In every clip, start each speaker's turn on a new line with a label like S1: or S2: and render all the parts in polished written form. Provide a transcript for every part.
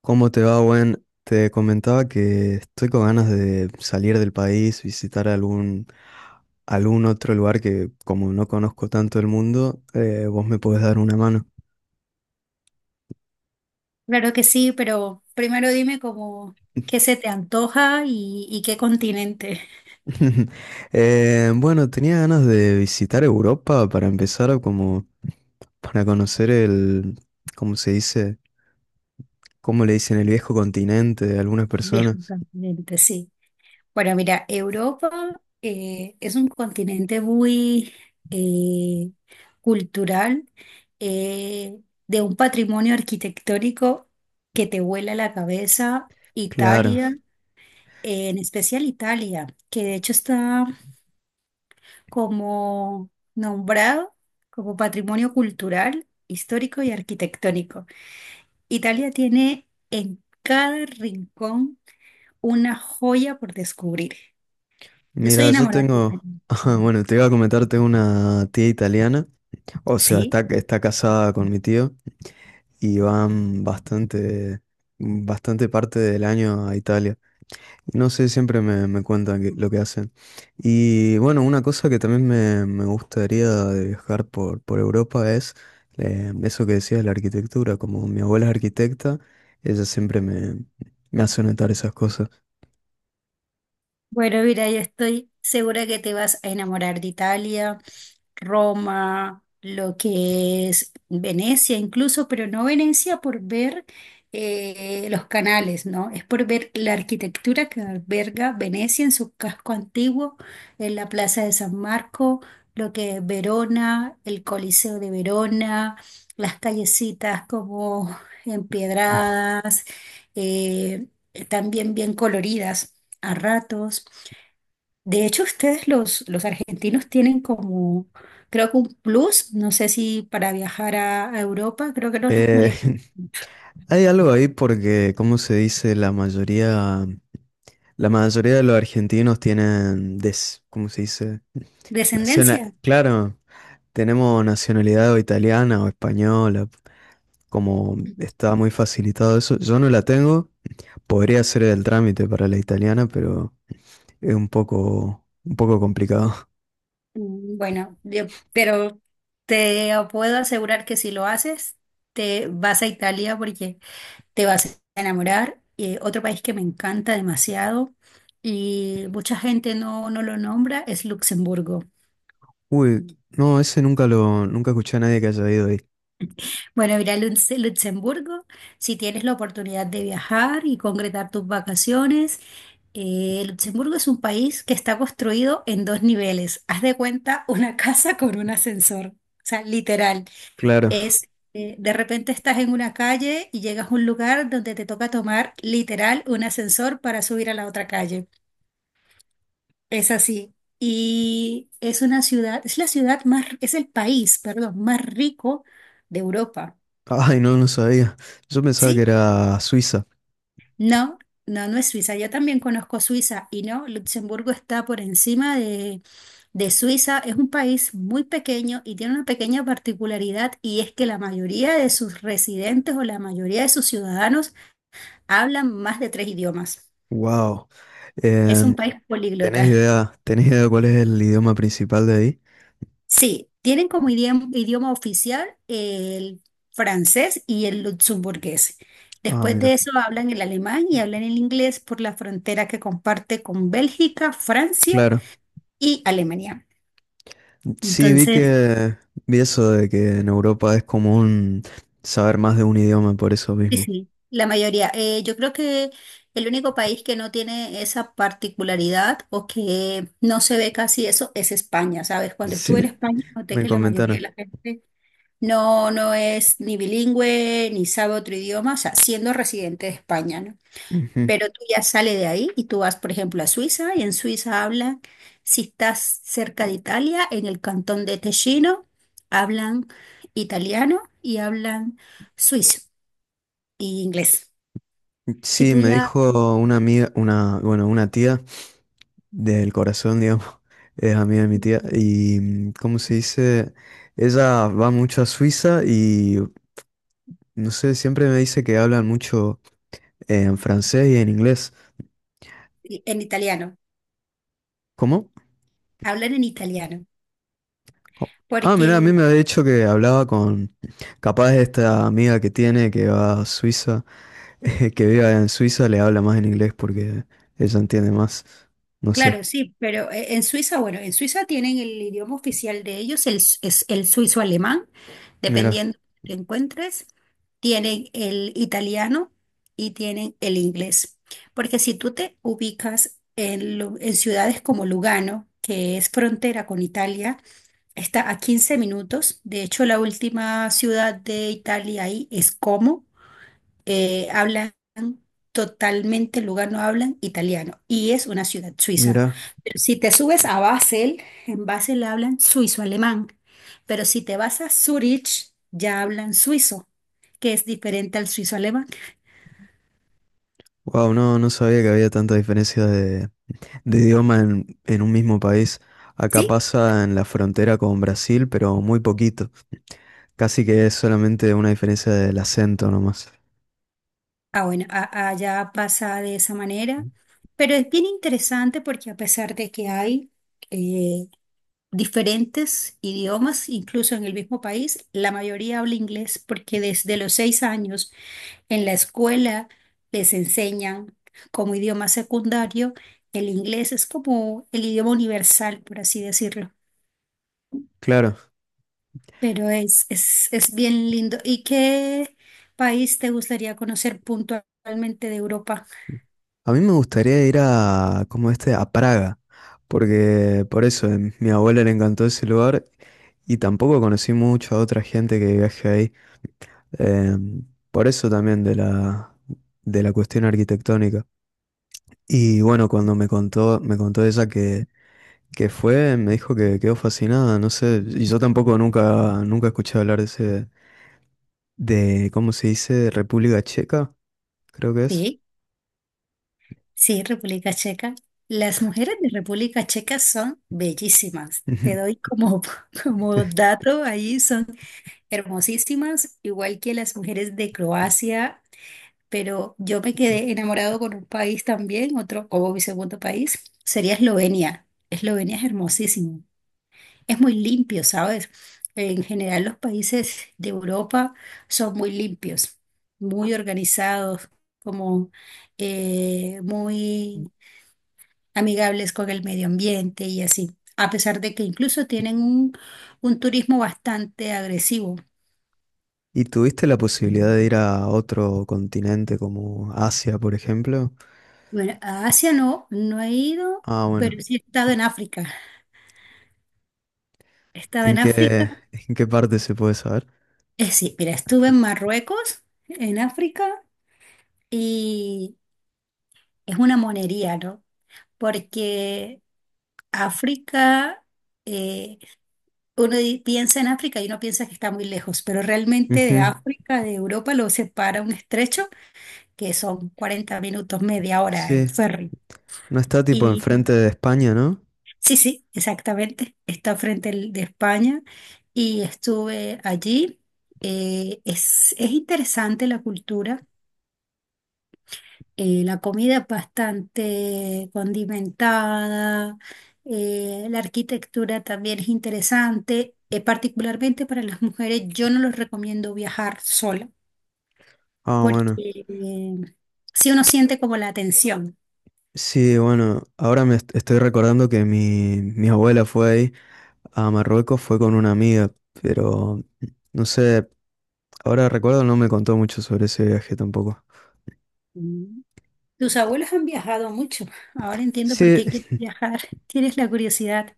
S1: ¿Cómo te va, Gwen? Te comentaba que estoy con ganas de salir del país, visitar algún otro lugar que como no conozco tanto el mundo, vos me podés dar una mano.
S2: Claro que sí, pero primero dime como qué se te antoja y qué continente.
S1: Bueno, tenía ganas de visitar Europa para empezar, como para conocer el, ¿cómo se dice? ¿Cómo le dicen el viejo continente de algunas
S2: Viejo
S1: personas?
S2: continente, sí. Bueno, mira, Europa es un continente muy eh, cultural, eh, de un patrimonio arquitectónico que te vuela la cabeza.
S1: Claro.
S2: Italia, en especial Italia, que de hecho está como nombrado como patrimonio cultural, histórico y arquitectónico. Italia tiene en cada rincón una joya por descubrir. Yo soy
S1: Mira, yo
S2: enamorada de
S1: tengo,
S2: Italia.
S1: ajá, bueno, te iba a comentar, tengo una tía italiana. O sea,
S2: Sí.
S1: está casada con mi tío y van bastante parte del año a Italia. No sé, siempre me cuentan que- lo que hacen. Y bueno, una cosa que también me gustaría de viajar por Europa es eso que decías, la arquitectura. Como mi abuela es arquitecta, ella siempre me, me hace notar esas cosas.
S2: Bueno, mira, yo estoy segura que te vas a enamorar de Italia, Roma, lo que es Venecia incluso, pero no Venecia por ver los canales, ¿no? Es por ver la arquitectura que alberga Venecia en su casco antiguo, en la Plaza de San Marco, lo que es Verona, el Coliseo de Verona, las callecitas como empedradas, eh, también bien coloridas a ratos. De hecho, ustedes los argentinos tienen como, creo que un plus, no sé si para viajar a Europa, creo que no los
S1: Eh,
S2: molesta.
S1: Hay algo ahí porque, como se dice, la mayoría de los argentinos tienen, des, ¿cómo se dice? Naciona-
S2: Descendencia.
S1: claro, tenemos nacionalidad o italiana o española, como está muy facilitado eso. Yo no la tengo, podría hacer el trámite para la italiana, pero es un poco complicado.
S2: Bueno, yo- pero te puedo asegurar que si lo haces, te vas a Italia porque te vas a enamorar. Otro país que me encanta demasiado y mucha gente no lo nombra es Luxemburgo.
S1: Uy, no, ese nunca lo, nunca escuché a nadie que haya ido ahí.
S2: Bueno, ir a Lutz- Luxemburgo, si tienes la oportunidad de viajar y concretar tus vacaciones. Luxemburgo es un país que está construido en dos niveles. Haz de cuenta una casa con un ascensor. O sea, literal.
S1: Claro.
S2: Es, de repente estás en una calle y llegas a un lugar donde te toca tomar literal un ascensor para subir a la otra calle. Es así. Y es una ciudad, es la ciudad más, es el país, perdón, más rico de Europa.
S1: Ay, no, no sabía. Yo pensaba que
S2: ¿Sí?
S1: era Suiza.
S2: No, no, no es Suiza. Yo también conozco Suiza y no, Luxemburgo está por encima de Suiza. Es un país muy pequeño y tiene una pequeña particularidad y es que la mayoría de sus residentes o la mayoría de sus ciudadanos hablan más de tres idiomas.
S1: Wow.
S2: Es un país políglota.
S1: Tenés idea de cuál es el idioma principal de ahí?
S2: Sí, tienen como idioma oficial el francés y el luxemburgués.
S1: Ah,
S2: Después de
S1: mira.
S2: eso hablan el alemán y hablan el inglés por la frontera que comparte con Bélgica, Francia
S1: Claro.
S2: y Alemania.
S1: Sí, vi
S2: Entonces,
S1: que vi eso de que en Europa es común saber más de un idioma por eso
S2: sí,
S1: mismo.
S2: sí, la mayoría. Yo creo que el único país que no tiene esa particularidad o que no se ve casi eso es España, ¿sabes? Cuando estuve en
S1: Sí,
S2: España noté
S1: me
S2: que la mayoría de
S1: comentaron.
S2: la gente no es ni bilingüe ni sabe otro idioma, o sea, siendo residente de España, ¿no?
S1: Ujú.
S2: Pero tú ya sales de ahí y tú vas, por ejemplo, a Suiza y en Suiza hablan, si estás cerca de Italia, en el cantón de Ticino, hablan italiano y hablan suizo y inglés. Si
S1: Sí,
S2: tú
S1: me
S2: ya
S1: dijo una amiga, una, bueno, una tía del corazón, digamos, es amiga de mi tía y ¿cómo se dice? Ella va mucho a Suiza y no sé, siempre me dice que hablan mucho en francés y en inglés.
S2: en italiano,
S1: ¿Cómo?
S2: hablan en italiano,
S1: Ah, mirá, a mí
S2: porque.
S1: me había dicho que hablaba con capaz esta amiga que tiene que va a Suiza, que vive en Suiza, le habla más en inglés porque ella entiende más. No sé.
S2: Claro, sí, pero en Suiza, bueno, en Suiza tienen el idioma oficial de ellos, el, s- es el suizo alemán,
S1: Mira,
S2: dependiendo de lo que encuentres, tienen el italiano y tienen el inglés. Porque si tú te ubicas en, lu- en ciudades como Lugano, que es frontera con Italia, está a 15 minutos. De hecho, la última ciudad de Italia ahí es Como. Hablan totalmente, Lugano hablan italiano y es una ciudad suiza.
S1: mira,
S2: Si te subes a Basel, en Basel hablan suizo-alemán, pero si te vas a Zurich, ya hablan suizo, que es diferente al suizo-alemán.
S1: wow, no, no sabía que había tanta diferencia de idioma en un mismo país. Acá
S2: Sí,
S1: pasa en la frontera con Brasil, pero muy poquito. Casi que es solamente una diferencia del acento nomás.
S2: ah, bueno, a- allá pasa de esa manera, pero es bien interesante porque a pesar de que hay eh, diferentes idiomas, incluso en el mismo país, la mayoría habla inglés porque desde los 6 años en la escuela les enseñan como idioma secundario, el inglés es como el idioma universal, por así decirlo,
S1: Claro.
S2: pero es bien lindo. ¿Y qué país te gustaría conocer puntualmente de Europa?
S1: A mí me gustaría ir a, como este, a Praga, porque por eso a mi abuela le encantó ese lugar y tampoco conocí mucho a otra gente que viaje ahí, eh, por eso también de la cuestión arquitectónica. Y bueno, cuando me contó ella que fue, me dijo que quedó fascinada, no sé, y yo tampoco nunca, nunca escuché hablar de ese, de, ¿cómo se dice? República Checa, creo que es.
S2: Sí, sí, República Checa. Las mujeres de República Checa son bellísimas. Te doy como, como dato ahí, son hermosísimas, igual que las mujeres de Croacia, pero yo me quedé enamorado con un país también, otro como mi segundo país, sería Eslovenia. Eslovenia es hermosísimo, es muy limpio, ¿sabes? En general los países de Europa son muy limpios, muy organizados, como muy amigables con el medio ambiente y así, a pesar de que incluso tienen un turismo bastante agresivo.
S1: ¿Y tuviste la posibilidad de ir a otro continente como Asia, por ejemplo?
S2: Bueno, a Asia no, no he ido,
S1: Ah, bueno.
S2: pero sí he estado en África. He estado en África.
S1: En qué parte se puede saber?
S2: Sí, mira, estuve en Marruecos, en África, y es una monería, ¿no? Porque África, eh, uno di- piensa en África y uno piensa que está muy lejos, pero realmente de
S1: Ujú.
S2: África, de Europa, lo separa un estrecho que son 40 minutos, media hora en
S1: Sí.
S2: ferry.
S1: No está tipo
S2: Y
S1: enfrente de España, ¿no?
S2: sí, sí, exactamente, está frente al- de España y estuve allí. Es interesante la cultura. La comida es bastante condimentada, la arquitectura también es interesante. Particularmente para las mujeres, yo no les recomiendo viajar sola
S1: Ah, bueno.
S2: porque si uno siente como la tensión.
S1: Sí, bueno. Ahora me est- estoy recordando que mi abuela fue ahí a Marruecos, fue con una amiga, pero no sé, ahora recuerdo no me contó mucho sobre ese viaje tampoco.
S2: Mm. Tus abuelos han viajado mucho, ahora entiendo por
S1: Sí,
S2: qué quieres viajar, tienes la curiosidad.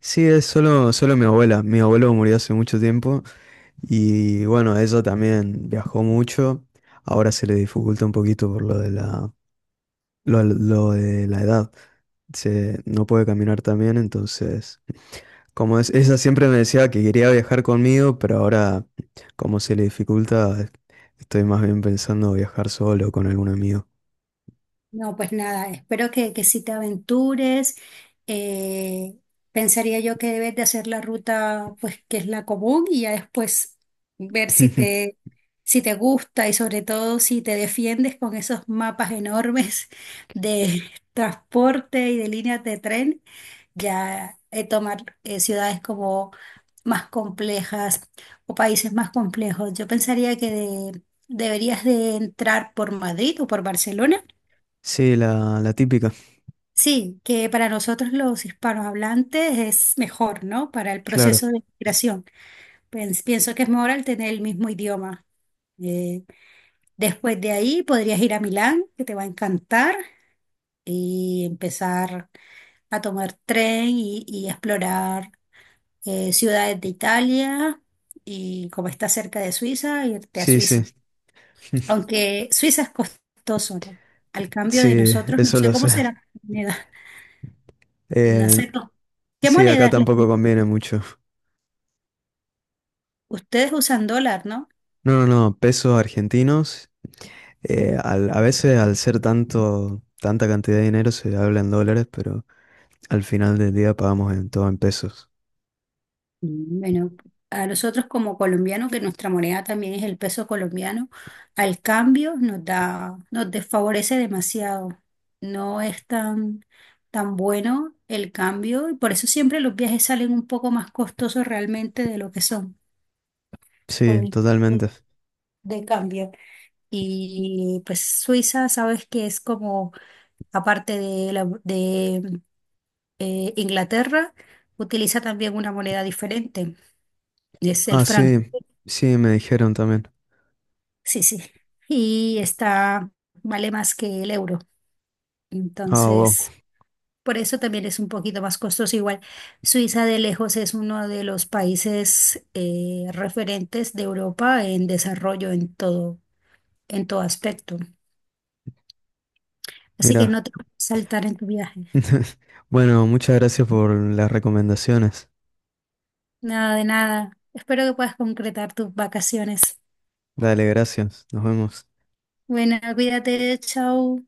S1: sí, es solo, solo mi abuela. Mi abuelo murió hace mucho tiempo. Y bueno, eso también viajó mucho. Ahora se le dificulta un poquito por lo de la edad. Se, no puede caminar tan bien, entonces, como es, ella siempre me decía que quería viajar conmigo, pero ahora, como se le dificulta, estoy más bien pensando viajar solo o con algún amigo.
S2: No, pues nada, espero que si te aventures, eh, pensaría yo que debes de hacer la ruta, pues que es la común y ya después ver si te, si te gusta y sobre todo si te defiendes con esos mapas enormes de transporte y de líneas de tren, ya tomar ciudades como más complejas o países más complejos. Yo pensaría que de- deberías de entrar por Madrid o por Barcelona.
S1: Sí, la típica,
S2: Sí, que para nosotros los hispanohablantes es mejor, ¿no? Para el
S1: claro.
S2: proceso de migración. Pens- pienso que es mejor al tener el mismo idioma. Eh, Después de ahí podrías ir a Milán, que te va a encantar, y empezar a tomar tren y explorar ciudades de Italia y como está cerca de Suiza, irte a
S1: Sí, sí,
S2: Suiza. Aunque Suiza es costoso, ¿no? Al cambio de
S1: sí,
S2: nosotros, no
S1: eso
S2: sé
S1: lo
S2: cómo
S1: sé.
S2: será la moneda. No
S1: Eh,
S2: sé cómo- ¿Qué
S1: sí, acá
S2: moneda es la?
S1: tampoco conviene mucho.
S2: Ustedes usan dólar, ¿no?
S1: No, no, no, pesos argentinos. Al- a veces al ser tanto, tanta cantidad de dinero se habla en dólares, pero al final del día pagamos en todo en pesos.
S2: Bueno, a nosotros como colombianos, que nuestra moneda también es el peso colombiano, al cambio nos da, nos desfavorece demasiado. No es tan bueno el cambio y por eso siempre los viajes salen un poco más costosos realmente de lo que son por
S1: Sí,
S2: el tipo
S1: totalmente.
S2: de cambio. Y pues Suiza, sabes que es como, aparte de, la- de Inglaterra, utiliza también una moneda diferente. Es el
S1: Ah,
S2: franco,
S1: sí, sí, me dijeron también.
S2: sí, sí. Y está, vale más que el euro.
S1: Ah, wow,
S2: Entonces, por eso también es un poquito más costoso. Igual, Suiza de lejos es uno de los países referentes de Europa en desarrollo en todo aspecto. Así que
S1: mira.
S2: no te puedes saltar en tu viaje.
S1: Bueno, muchas gracias por las recomendaciones.
S2: Nada de nada. Espero que puedas concretar tus vacaciones.
S1: Dale, gracias. Nos vemos.
S2: Bueno, cuídate, chao.